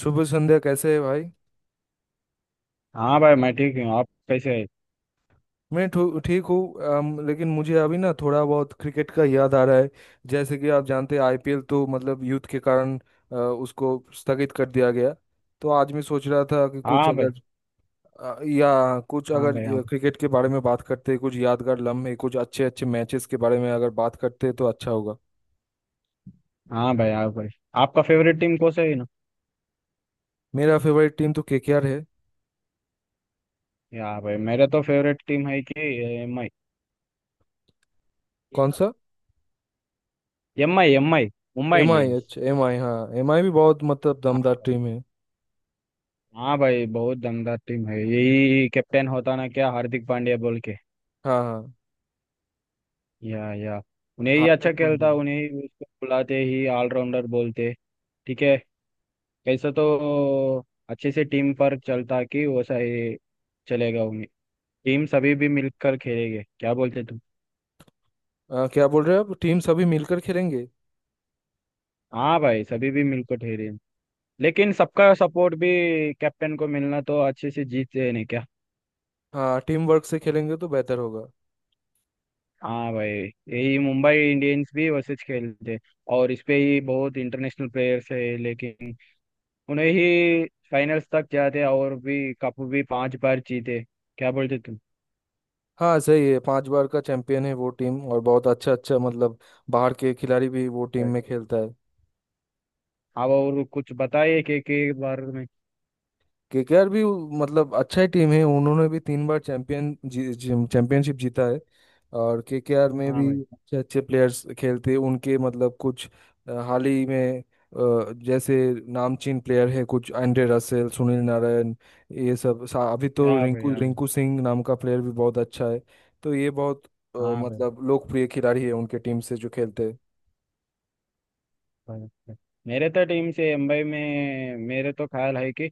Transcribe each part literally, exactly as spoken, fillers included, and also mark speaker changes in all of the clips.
Speaker 1: शुभ संध्या। कैसे है भाई?
Speaker 2: हाँ भाई, मैं ठीक हूँ। आप कैसे हैं?
Speaker 1: मैं ठू- ठीक हूँ। अम, लेकिन मुझे अभी ना थोड़ा बहुत क्रिकेट का याद आ रहा है। जैसे कि आप जानते हैं, आईपीएल तो मतलब यूथ के कारण अ, उसको स्थगित कर दिया गया। तो आज मैं सोच रहा था कि कुछ
Speaker 2: हाँ भाई।
Speaker 1: अगर अ, या कुछ
Speaker 2: हाँ
Speaker 1: अगर
Speaker 2: भाई। हाँ।
Speaker 1: अ, क्रिकेट के बारे में बात करते, कुछ यादगार लम्हे, कुछ अच्छे अच्छे मैचेस के बारे में अगर बात करते तो अच्छा होगा।
Speaker 2: हाँ भाई। हाँ भाई। आपका फेवरेट टीम कौन सा है ना?
Speaker 1: मेरा फेवरेट टीम तो केकेआर है।
Speaker 2: या भाई, मेरा तो फेवरेट टीम है कि एम आई।
Speaker 1: कौन सा?
Speaker 2: M I M I. Mumbai
Speaker 1: MI?
Speaker 2: Indians.
Speaker 1: अच्छा, एमआई। हाँ, एमआई भी बहुत मतलब
Speaker 2: हाँ।
Speaker 1: दमदार टीम है।
Speaker 2: हाँ भाई, बहुत दमदार टीम है। यही कैप्टन होता ना क्या, हार्दिक पांड्या बोल के?
Speaker 1: हाँ हाँ।
Speaker 2: या या। उन्हें ही
Speaker 1: हार्दिक
Speaker 2: अच्छा
Speaker 1: पांड्या।
Speaker 2: खेलता, उन्हें ही उसको बुलाते ही ऑलराउंडर बोलते। ठीक है। कैसे तो अच्छे से टीम पर चलता कि वैसा ही चलेगा उन्हें। टीम सभी भी मिलकर खेलेंगे, क्या बोलते तुम?
Speaker 1: आ, क्या बोल रहे हो आप? टीम्स अभी मिलकर खेलेंगे?
Speaker 2: हाँ भाई, सभी भी मिलकर ठहरे हैं। लेकिन सबका सपोर्ट भी कैप्टन को मिलना तो अच्छे से जीतते हैं नहीं क्या?
Speaker 1: हाँ, टीम वर्क से खेलेंगे तो बेहतर होगा।
Speaker 2: हाँ भाई। यही मुंबई इंडियंस भी वैसे खेलते हैं। और इस पे ही बहुत इंटरनेशनल प्लेयर्स है लेकिन उन्हें ही फाइनल्स तक जाते हैं और भी कप भी पांच बार जीते। क्या बोलते तुम?
Speaker 1: हाँ सही है, पांच बार का चैंपियन है वो टीम। और बहुत अच्छा अच्छा मतलब बाहर के खिलाड़ी भी वो टीम
Speaker 2: भाई,
Speaker 1: में खेलता है।
Speaker 2: आप और कुछ बताइए कि के बारे में।
Speaker 1: केकेआर भी उ- मतलब अच्छा ही टीम है, उन्होंने भी तीन बार चैंपियन जी, जी, चैंपियनशिप जीता है। और केकेआर में
Speaker 2: हाँ
Speaker 1: भी
Speaker 2: भाई।
Speaker 1: अच्छे अच्छे प्लेयर्स खेलते हैं उनके, मतलब कुछ अ, हाल ही में अ, जैसे नामचीन प्लेयर है, कुछ एंड्रे रसेल, सुनील नारायण। ये सब सा- अभी तो
Speaker 2: हाँ भाई।
Speaker 1: रिंकू
Speaker 2: हाँ भाई।
Speaker 1: रिंकू सिंह नाम का प्लेयर भी बहुत अच्छा है। तो ये बहुत अ,
Speaker 2: हाँ भाई।
Speaker 1: मतलब लोकप्रिय खिलाड़ी है उनके टीम से जो खेलते हैं।
Speaker 2: भाई, भाई। मेरे तो टीम से मुंबई में मेरे तो ख्याल है कि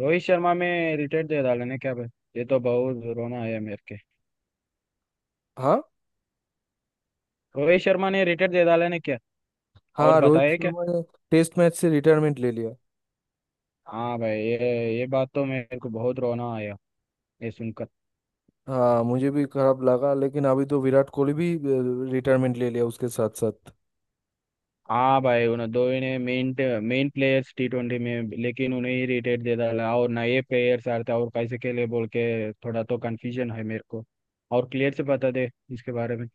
Speaker 2: रोहित शर्मा में रिटायर दे डाले ने क्या भाई? ये तो बहुत रोना आया मेरे के।
Speaker 1: हाँ
Speaker 2: रोहित शर्मा ने रिटायर दे डाले ने क्या? और
Speaker 1: हाँ। रोहित
Speaker 2: बताया क्या?
Speaker 1: शर्मा ने टेस्ट मैच से रिटायरमेंट ले लिया।
Speaker 2: हाँ भाई, ये ये बात तो मेरे को बहुत रोना आया ये सुनकर।
Speaker 1: हाँ, मुझे भी खराब लगा, लेकिन अभी तो विराट कोहली भी रिटायरमेंट ले लिया उसके साथ साथ।
Speaker 2: हाँ भाई, उन्हें दो इन्हें main main players T twenty में, लेकिन उन्हें ही रिटायर दे डाला और नए प्लेयर्स आ रहे थे और कैसे खेले बोल के थोड़ा तो कंफ्यूजन है मेरे को। और क्लियर से बता दे इसके बारे में।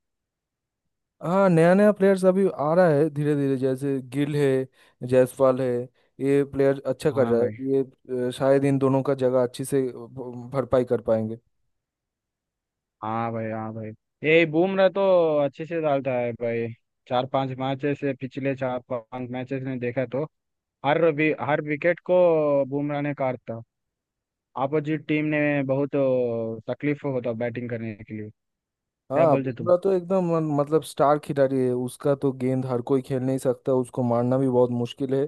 Speaker 1: हाँ, नया नया प्लेयर्स अभी आ रहा है धीरे धीरे, जैसे गिल है, जायसवाल है। ये प्लेयर अच्छा कर
Speaker 2: हाँ
Speaker 1: रहा है।
Speaker 2: भाई।
Speaker 1: ये अ, शायद इन दोनों का जगह अच्छी से भ- भरपाई कर पाएंगे।
Speaker 2: हाँ भाई। हाँ भाई। ये बुमराह तो अच्छे से डालता है भाई। चार पांच मैचेस से, पिछले चार पांच मैचेस ने देखा तो हर वि, हर विकेट को बुमराह ने काटा। अपोजिट टीम ने बहुत तकलीफ होता बैटिंग करने के लिए। क्या
Speaker 1: हाँ,
Speaker 2: बोलते तुम?
Speaker 1: बुमराह तो एकदम मन- मतलब स्टार खिलाड़ी है। उसका तो गेंद हर कोई खेल नहीं सकता, उसको मारना भी बहुत मुश्किल है।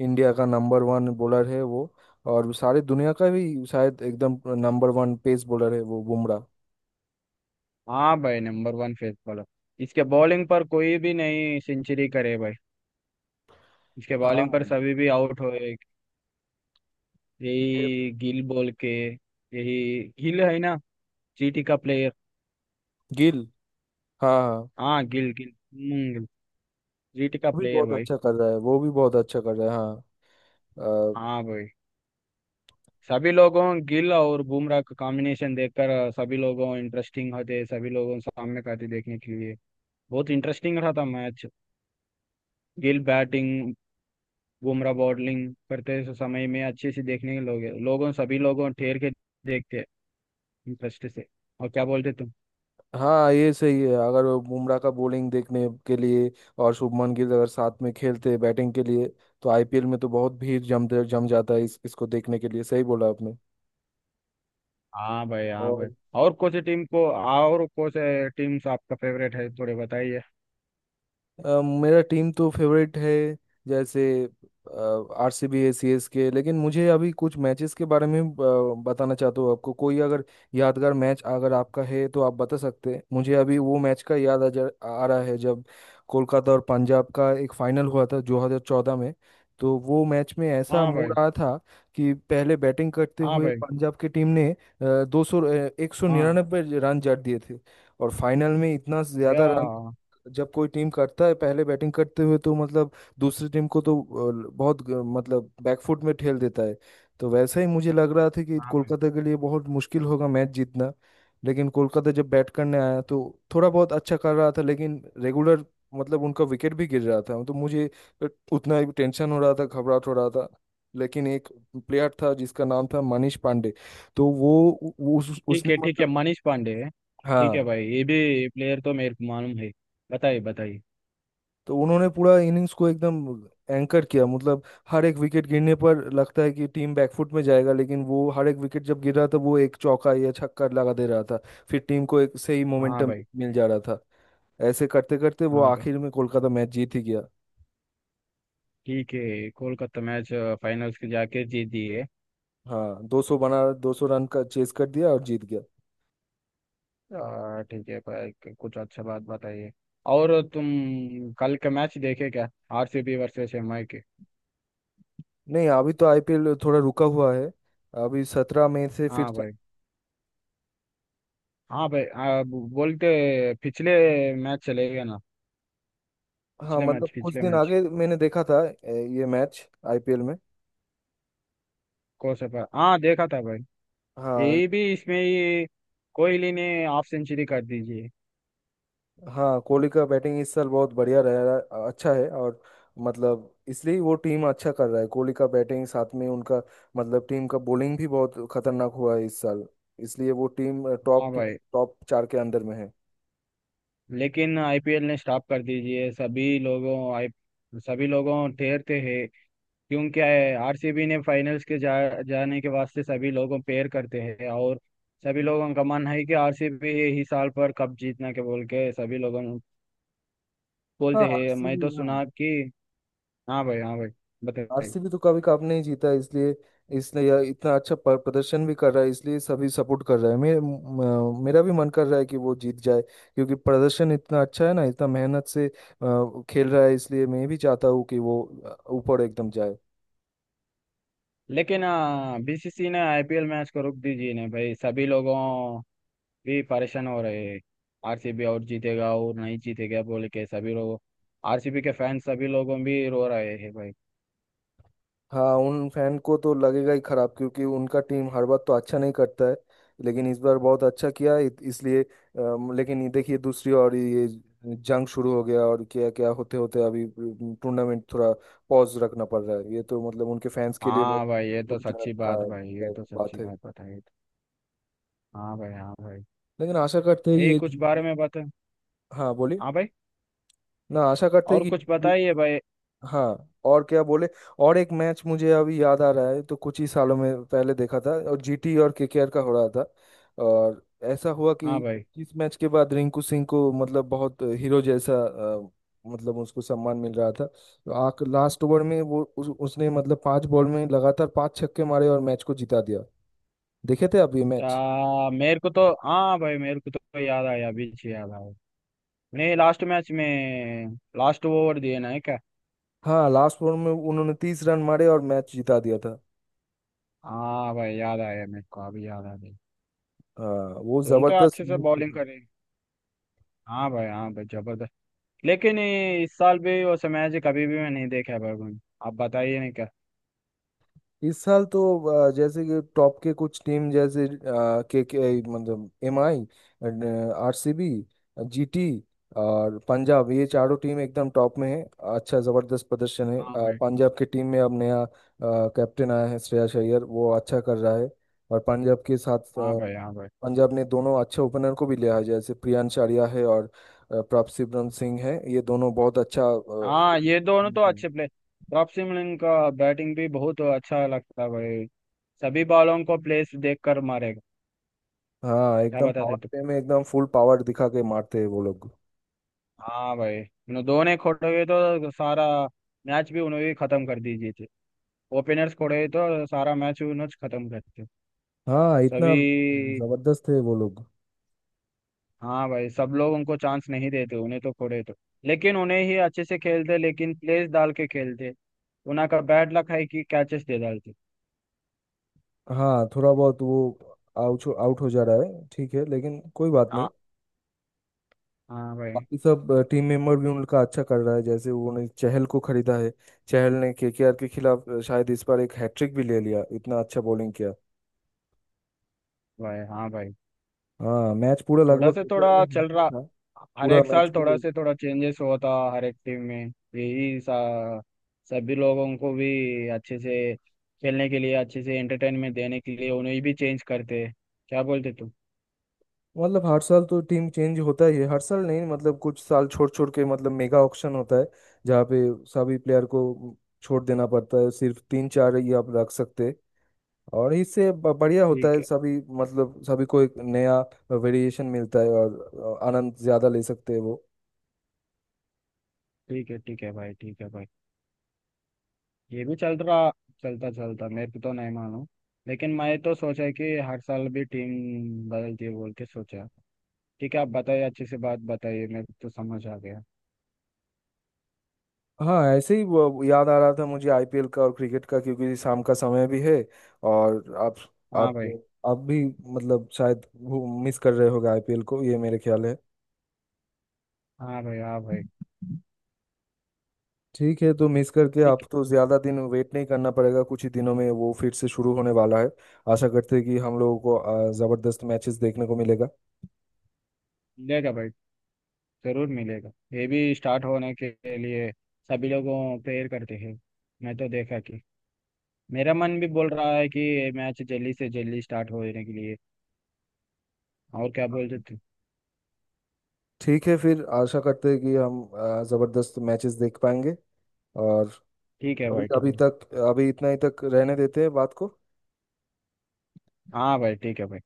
Speaker 1: इंडिया का नंबर वन बॉलर है वो। और सारे दुनिया का भी शायद एकदम नंबर वन पेस बॉलर है वो बुमराह।
Speaker 2: हाँ भाई, नंबर वन फेस बॉलर। इसके बॉलिंग पर कोई भी नहीं सेंचुरी करे भाई। इसके बॉलिंग
Speaker 1: हाँ,
Speaker 2: पर सभी भी आउट हो।
Speaker 1: ये-
Speaker 2: यही गिल बोल के। यही गिल है ना, जीटी का प्लेयर।
Speaker 1: गिल। हाँ हाँ।
Speaker 2: हाँ गिल गिल। हम्म, जीटी का
Speaker 1: वो भी
Speaker 2: प्लेयर
Speaker 1: बहुत
Speaker 2: भाई।
Speaker 1: अच्छा कर रहा है, वो भी बहुत अच्छा कर रहा है। हाँ अ,
Speaker 2: हाँ भाई, सभी लोगों गिल और बुमराह का कॉम्बिनेशन देखकर सभी लोगों इंटरेस्टिंग होते, सभी लोगों सामने का थे देखने के लिए। बहुत इंटरेस्टिंग रहा था match. Gill batting, Bumrah bowling करते समय में अच्छे से देखने के लोग लोगों सभी लोगों ठेर के देखते इंटरेस्ट से। और क्या बोलते तुम?
Speaker 1: हाँ, ये सही है। अगर वो बुमराह का बॉलिंग देखने के लिए और शुभमन गिल अगर साथ में खेलते बैटिंग के लिए, तो आईपीएल में तो बहुत भीड़ जम जम जाता है इस इसको देखने के लिए। सही बोला आपने।
Speaker 2: हाँ भाई। हाँ भाई।
Speaker 1: और
Speaker 2: और कौन सी टीम को, और कौन से टीम्स आपका फेवरेट है थोड़े बताइए।
Speaker 1: अ, मेरा टीम तो फेवरेट है, जैसे आरसीबी है, सीएसके। लेकिन मुझे अभी कुछ मैचेस के बारे में अ, बताना चाहता हूँ आपको। कोई अगर यादगार मैच अगर आपका है तो आप बता सकते हैं। मुझे अभी वो मैच का याद आ जा आ रहा है जब कोलकाता और पंजाब का एक फाइनल हुआ था दो हज़ार चौदह में। तो वो मैच में ऐसा
Speaker 2: हाँ
Speaker 1: मूड
Speaker 2: भाई।
Speaker 1: आया था कि पहले बैटिंग करते
Speaker 2: हाँ
Speaker 1: हुए
Speaker 2: भाई।
Speaker 1: पंजाब की टीम ने दो सौ, एक सौ
Speaker 2: हाँ।
Speaker 1: निन्यानवे रन जड़ दिए थे। और फाइनल में इतना
Speaker 2: या।
Speaker 1: ज्यादा रन
Speaker 2: हाँ
Speaker 1: जब कोई टीम करता है पहले बैटिंग करते हुए, तो मतलब दूसरी टीम को तो अ, बहुत ग- मतलब बैकफुट में ठेल देता है। तो वैसा ही मुझे लग रहा था कि
Speaker 2: भाई।
Speaker 1: कोलकाता के लिए बहुत मुश्किल होगा मैच जीतना। लेकिन कोलकाता जब बैट करने आया तो थोड़ा बहुत अच्छा कर रहा था, लेकिन रेगुलर मतलब उनका विकेट भी गिर रहा था। तो मुझे उतना ही टेंशन हो रहा था, घबराहट हो रहा था। लेकिन एक प्लेयर था जिसका नाम था मनीष पांडे। तो वो उ- उस
Speaker 2: ठीक
Speaker 1: उसने
Speaker 2: है, ठीक है।
Speaker 1: मतलब,
Speaker 2: मनीष पांडे है। ठीक है
Speaker 1: हाँ।
Speaker 2: भाई, ये भी प्लेयर तो मेरे को मालूम है। बताइए बताइए।
Speaker 1: तो उन्होंने पूरा इनिंग्स को एकदम एंकर किया, मतलब हर एक विकेट गिरने पर लगता है कि टीम बैकफुट में जाएगा, लेकिन वो हर एक विकेट जब गिर रहा था, वो एक चौका या छक्का लगा दे रहा था। फिर टीम को एक सही
Speaker 2: हाँ
Speaker 1: मोमेंटम
Speaker 2: भाई।
Speaker 1: मिल जा रहा था। ऐसे करते करते वो
Speaker 2: हाँ भाई।
Speaker 1: आखिर में कोलकाता मैच जीत ही गया।
Speaker 2: ठीक है, कोलकाता मैच फाइनल्स के जाके जीत दिए।
Speaker 1: हाँ, दो सौ बना, दो सौ रन का चेस कर दिया और जीत गया।
Speaker 2: आ, ठीक है भाई। कुछ अच्छा बात बताइए। और तुम कल का मैच देखे क्या, आरसीबी वर्सेस एमआई के?
Speaker 1: नहीं, अभी तो आईपीएल थोड़ा रुका हुआ है। अभी सत्रह मई से फिर
Speaker 2: हाँ
Speaker 1: चा-
Speaker 2: भाई। हाँ भाई, आ, ब- बोलते पिछले मैच चले गए ना।
Speaker 1: हाँ,
Speaker 2: पिछले
Speaker 1: मतलब
Speaker 2: मैच,
Speaker 1: कुछ
Speaker 2: पिछले
Speaker 1: दिन
Speaker 2: मैच।
Speaker 1: आगे मैंने देखा था, ए, ये मैच आईपीएल में।
Speaker 2: कोसपर हाँ देखा था भाई।
Speaker 1: हाँ।
Speaker 2: यही भी इसमें ये कोहली ने हाफ सेंचुरी कर दीजिए।
Speaker 1: हाँ, कोहली का बैटिंग इस साल बहुत बढ़िया रह रहा, अच्छा है। और मतलब इसलिए वो टीम अच्छा कर रहा है, कोहली का बैटिंग साथ में उनका मतलब टीम का बॉलिंग भी बहुत खतरनाक हुआ है इस साल। इसलिए वो टीम
Speaker 2: हाँ
Speaker 1: टॉप में
Speaker 2: भाई।
Speaker 1: टॉप चार के अंदर में है।
Speaker 2: लेकिन आईपीएल ने स्टॉप कर दीजिए, सभी लोगों आई सभी लोगों ठहरते हैं। क्यों क्या है, आरसीबी ने फाइनल्स के जा, जाने के वास्ते सभी लोगों प्रेयर करते हैं और सभी लोगों का मन है कि आरसीबी ही साल पर कप जीतना के बोल के सभी लोगों
Speaker 1: हाँ,
Speaker 2: बोलते हैं, मैं
Speaker 1: आरसीबी।
Speaker 2: तो
Speaker 1: हाँ,
Speaker 2: सुना कि। हाँ भाई। हाँ भाई। बताइए।
Speaker 1: आरसीबी तो कभी कप नहीं जीता, इसलिए इसने यह इतना अच्छा पर- प्रदर्शन भी कर रहा है। इसलिए सभी सपोर्ट कर रहा है, मेरे म- मेरा भी मन कर रहा है कि वो जीत जाए। क्योंकि प्रदर्शन इतना अच्छा है ना, इतना मेहनत से अ, खेल रहा है, इसलिए मैं भी चाहता हूँ कि वो अ, ऊपर एकदम जाए।
Speaker 2: लेकिन हाँ, बीसीसी ने आईपीएल मैच को रोक दीजिए ना भाई, सभी लोगों भी परेशान हो रहे हैं। आरसीबी और जीतेगा और नहीं जीतेगा बोले के सभी लोग, आरसीबी के फैंस सभी लोगों भी रो रहे हैं भाई।
Speaker 1: हाँ, उन फैन को तो लगेगा ही खराब, क्योंकि उनका टीम हर बार तो अच्छा नहीं करता है। लेकिन इस बार बहुत अच्छा किया है, इत- इसलिए अम, लेकिन ये देखिए, दूसरी और ये जंग शुरू हो गया। और क्या क्या होते होते अभी टूर्नामेंट थोड़ा पॉज रखना पड़ रहा है। ये तो मतलब उनके फैंस के लिए बहुत
Speaker 2: हाँ भाई, ये तो सच्ची
Speaker 1: दुखजनक का
Speaker 2: बात भाई। ये
Speaker 1: का
Speaker 2: तो
Speaker 1: बात
Speaker 2: सच्ची
Speaker 1: है।
Speaker 2: बात बताई। हाँ भाई। हाँ भाई।
Speaker 1: लेकिन आशा करते हैं
Speaker 2: ये
Speaker 1: ये।
Speaker 2: कुछ बारे में बता।
Speaker 1: हाँ बोलिए।
Speaker 2: हाँ भाई।
Speaker 1: ना, आशा करते
Speaker 2: और
Speaker 1: हैं
Speaker 2: कुछ
Speaker 1: कि।
Speaker 2: बताइए भाई।
Speaker 1: हाँ, और क्या बोले। और एक मैच मुझे अभी याद आ रहा है, तो कुछ ही सालों में पहले देखा था, और जीटी और केकेआर का हो रहा था। और ऐसा हुआ कि
Speaker 2: हाँ भाई।
Speaker 1: इस मैच के बाद रिंकू सिंह को मतलब बहुत हीरो जैसा अ, मतलब उसको सम्मान मिल रहा था। तो आख लास्ट ओवर में वो उस, उसने मतलब पांच बॉल में लगातार पांच छक्के मारे और मैच को जिता दिया। देखे थे आप ये मैच?
Speaker 2: आ, मेरे को तो हाँ भाई, मेरे को तो याद आया, बीच याद आया नहीं। लास्ट मैच में लास्ट ओवर दिए ना है क्या?
Speaker 1: हाँ, लास्ट ओवर में उन्होंने तीस रन मारे और मैच जिता दिया था।
Speaker 2: हाँ भाई, याद आया मेरे को, अभी याद आ गई।
Speaker 1: हाँ, वो
Speaker 2: तो उन तो
Speaker 1: जबरदस्त
Speaker 2: अच्छे से बॉलिंग
Speaker 1: move।
Speaker 2: करे। हाँ भाई। हाँ भाई, जबरदस्त। लेकिन ये इस साल भी और समयाजी कभी भी मैं नहीं देखा है भाई मैंने। आप बताइए नहीं क्या?
Speaker 1: इस साल तो अ, जैसे कि टॉप के कुछ टीम, जैसे के के मतलब M I, R C B, GT और पंजाब, ये चारों टीम एकदम टॉप में है। अच्छा जबरदस्त प्रदर्शन है। अ,
Speaker 2: हाँ भाई।
Speaker 1: पंजाब की टीम में अब नया अ, कैप्टन आया है श्रेयस अय्यर, वो अच्छा कर रहा है। और पंजाब के साथ
Speaker 2: हाँ
Speaker 1: अ,
Speaker 2: भाई। हाँ भाई।
Speaker 1: पंजाब ने दोनों अच्छे ओपनर को भी लिया है, जैसे प्रियांश आर्या है और अ, प्रभसिमरन सिंह है। ये दोनों बहुत अच्छा
Speaker 2: हाँ, ये दोनों तो
Speaker 1: अ,
Speaker 2: अच्छे प्लेयर। रॉब लिन का बैटिंग भी बहुत अच्छा लगता है भाई। सभी बॉलों को प्लेस देख कर मारेगा।
Speaker 1: हाँ,
Speaker 2: क्या
Speaker 1: एकदम पावर
Speaker 2: बताते तुम?
Speaker 1: प्ले में एकदम फुल पावर दिखा के मारते हैं वो लोग।
Speaker 2: हाँ भाई, उन्होंने दोनों खोटे हुए तो सारा मैच भी उन्होंने ही खत्म कर दीजिए थे। ओपनर्स खोटे हुए तो सारा मैच उन्होंने खत्म करते
Speaker 1: हाँ, इतना
Speaker 2: सभी।
Speaker 1: जबरदस्त है वो लोग।
Speaker 2: हाँ भाई, सब लोग उनको चांस नहीं देते उन्हें तो खोड़े तो। लेकिन उन्हें ही अच्छे से खेलते, लेकिन प्लेस डाल के खेलते। उन्हें का बैड लक है कि कैचेस दे डालते।
Speaker 1: हाँ, थोड़ा बहुत वो आउट आउट हो जा रहा है, ठीक है, लेकिन कोई बात नहीं।
Speaker 2: हाँ। हाँ भाई।
Speaker 1: बाकी सब टीम मेंबर भी उनका अच्छा कर रहा है, जैसे उन्होंने चहल को खरीदा है। चहल ने केकेआर के खिलाफ अ, शायद इस बार एक हैट्रिक भी ले लिया, इतना अच्छा बॉलिंग किया।
Speaker 2: भाई। हाँ भाई,
Speaker 1: हाँ, मैच पूरा
Speaker 2: थोड़ा
Speaker 1: लगभग
Speaker 2: से
Speaker 1: केकेआर में,
Speaker 2: थोड़ा
Speaker 1: हाथ
Speaker 2: चल
Speaker 1: में
Speaker 2: रहा।
Speaker 1: था,
Speaker 2: हर
Speaker 1: पूरा
Speaker 2: एक
Speaker 1: मैच
Speaker 2: साल
Speaker 1: को।
Speaker 2: थोड़ा से थोड़ा चेंजेस होता हर एक टीम में। यही सा सभी लोगों को भी अच्छे से खेलने के लिए, अच्छे से एंटरटेनमेंट देने के लिए उन्हें भी चेंज करते। क्या बोलते तुम?
Speaker 1: मतलब हर साल तो टीम चेंज होता ही है, हर साल नहीं, मतलब कुछ साल छोड़ छोड़ के मतलब मेगा ऑक्शन होता है। जहाँ पे सभी प्लेयर को छोड़ देना पड़ता है, सिर्फ तीन चार ही आप रख सकते हैं। और इससे ब- बढ़िया होता
Speaker 2: ठीक
Speaker 1: है,
Speaker 2: है।
Speaker 1: सभी, मतलब सभी को एक नया वेरिएशन मिलता है और आनंद ज़्यादा ले सकते हैं वो।
Speaker 2: ठीक है। ठीक है भाई, ठीक है भाई। ये भी चल रहा, चलता चलता मैं तो नहीं मानू। लेकिन मैं तो सोचा कि हर साल भी टीम बदलती है बोल के सोचा। ठीक है, आप बताइए अच्छे से बात बताइए, मेरे को तो समझ आ गया।
Speaker 1: हाँ, ऐसे ही वो याद आ रहा था मुझे आईपीएल का और क्रिकेट का, क्योंकि शाम का समय भी है। और आप,
Speaker 2: हाँ
Speaker 1: आप
Speaker 2: भाई।
Speaker 1: आप भी मतलब शायद मिस कर रहे होगे आईपीएल को, ये मेरे ख्याल है।
Speaker 2: हाँ भाई। हाँ भाई।
Speaker 1: ठीक है, तो मिस करके आप
Speaker 2: ठीक है,
Speaker 1: तो ज़्यादा दिन वेट नहीं करना पड़ेगा, कुछ ही दिनों में वो फिर से शुरू होने वाला है। आशा करते हैं कि हम लोगों को अ, ज़बरदस्त मैचेस देखने को मिलेगा।
Speaker 2: मिलेगा भाई, जरूर मिलेगा। ये भी स्टार्ट होने के लिए सभी लोगों प्रेयर करते हैं। मैं तो देखा कि मेरा मन भी बोल रहा है कि ये मैच जल्दी से जल्दी स्टार्ट होने के लिए। और क्या बोलते थे?
Speaker 1: ठीक है, फिर आशा करते हैं कि हम अ, ज़बरदस्त मैचेस देख पाएंगे। और
Speaker 2: ठीक है
Speaker 1: अभी,
Speaker 2: भाई, ठीक
Speaker 1: अभी
Speaker 2: है।
Speaker 1: तक, अभी इतना ही तक रहने देते हैं बात को।
Speaker 2: हाँ भाई, ठीक है भाई।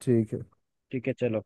Speaker 1: ठीक है।
Speaker 2: ठीक है चलो।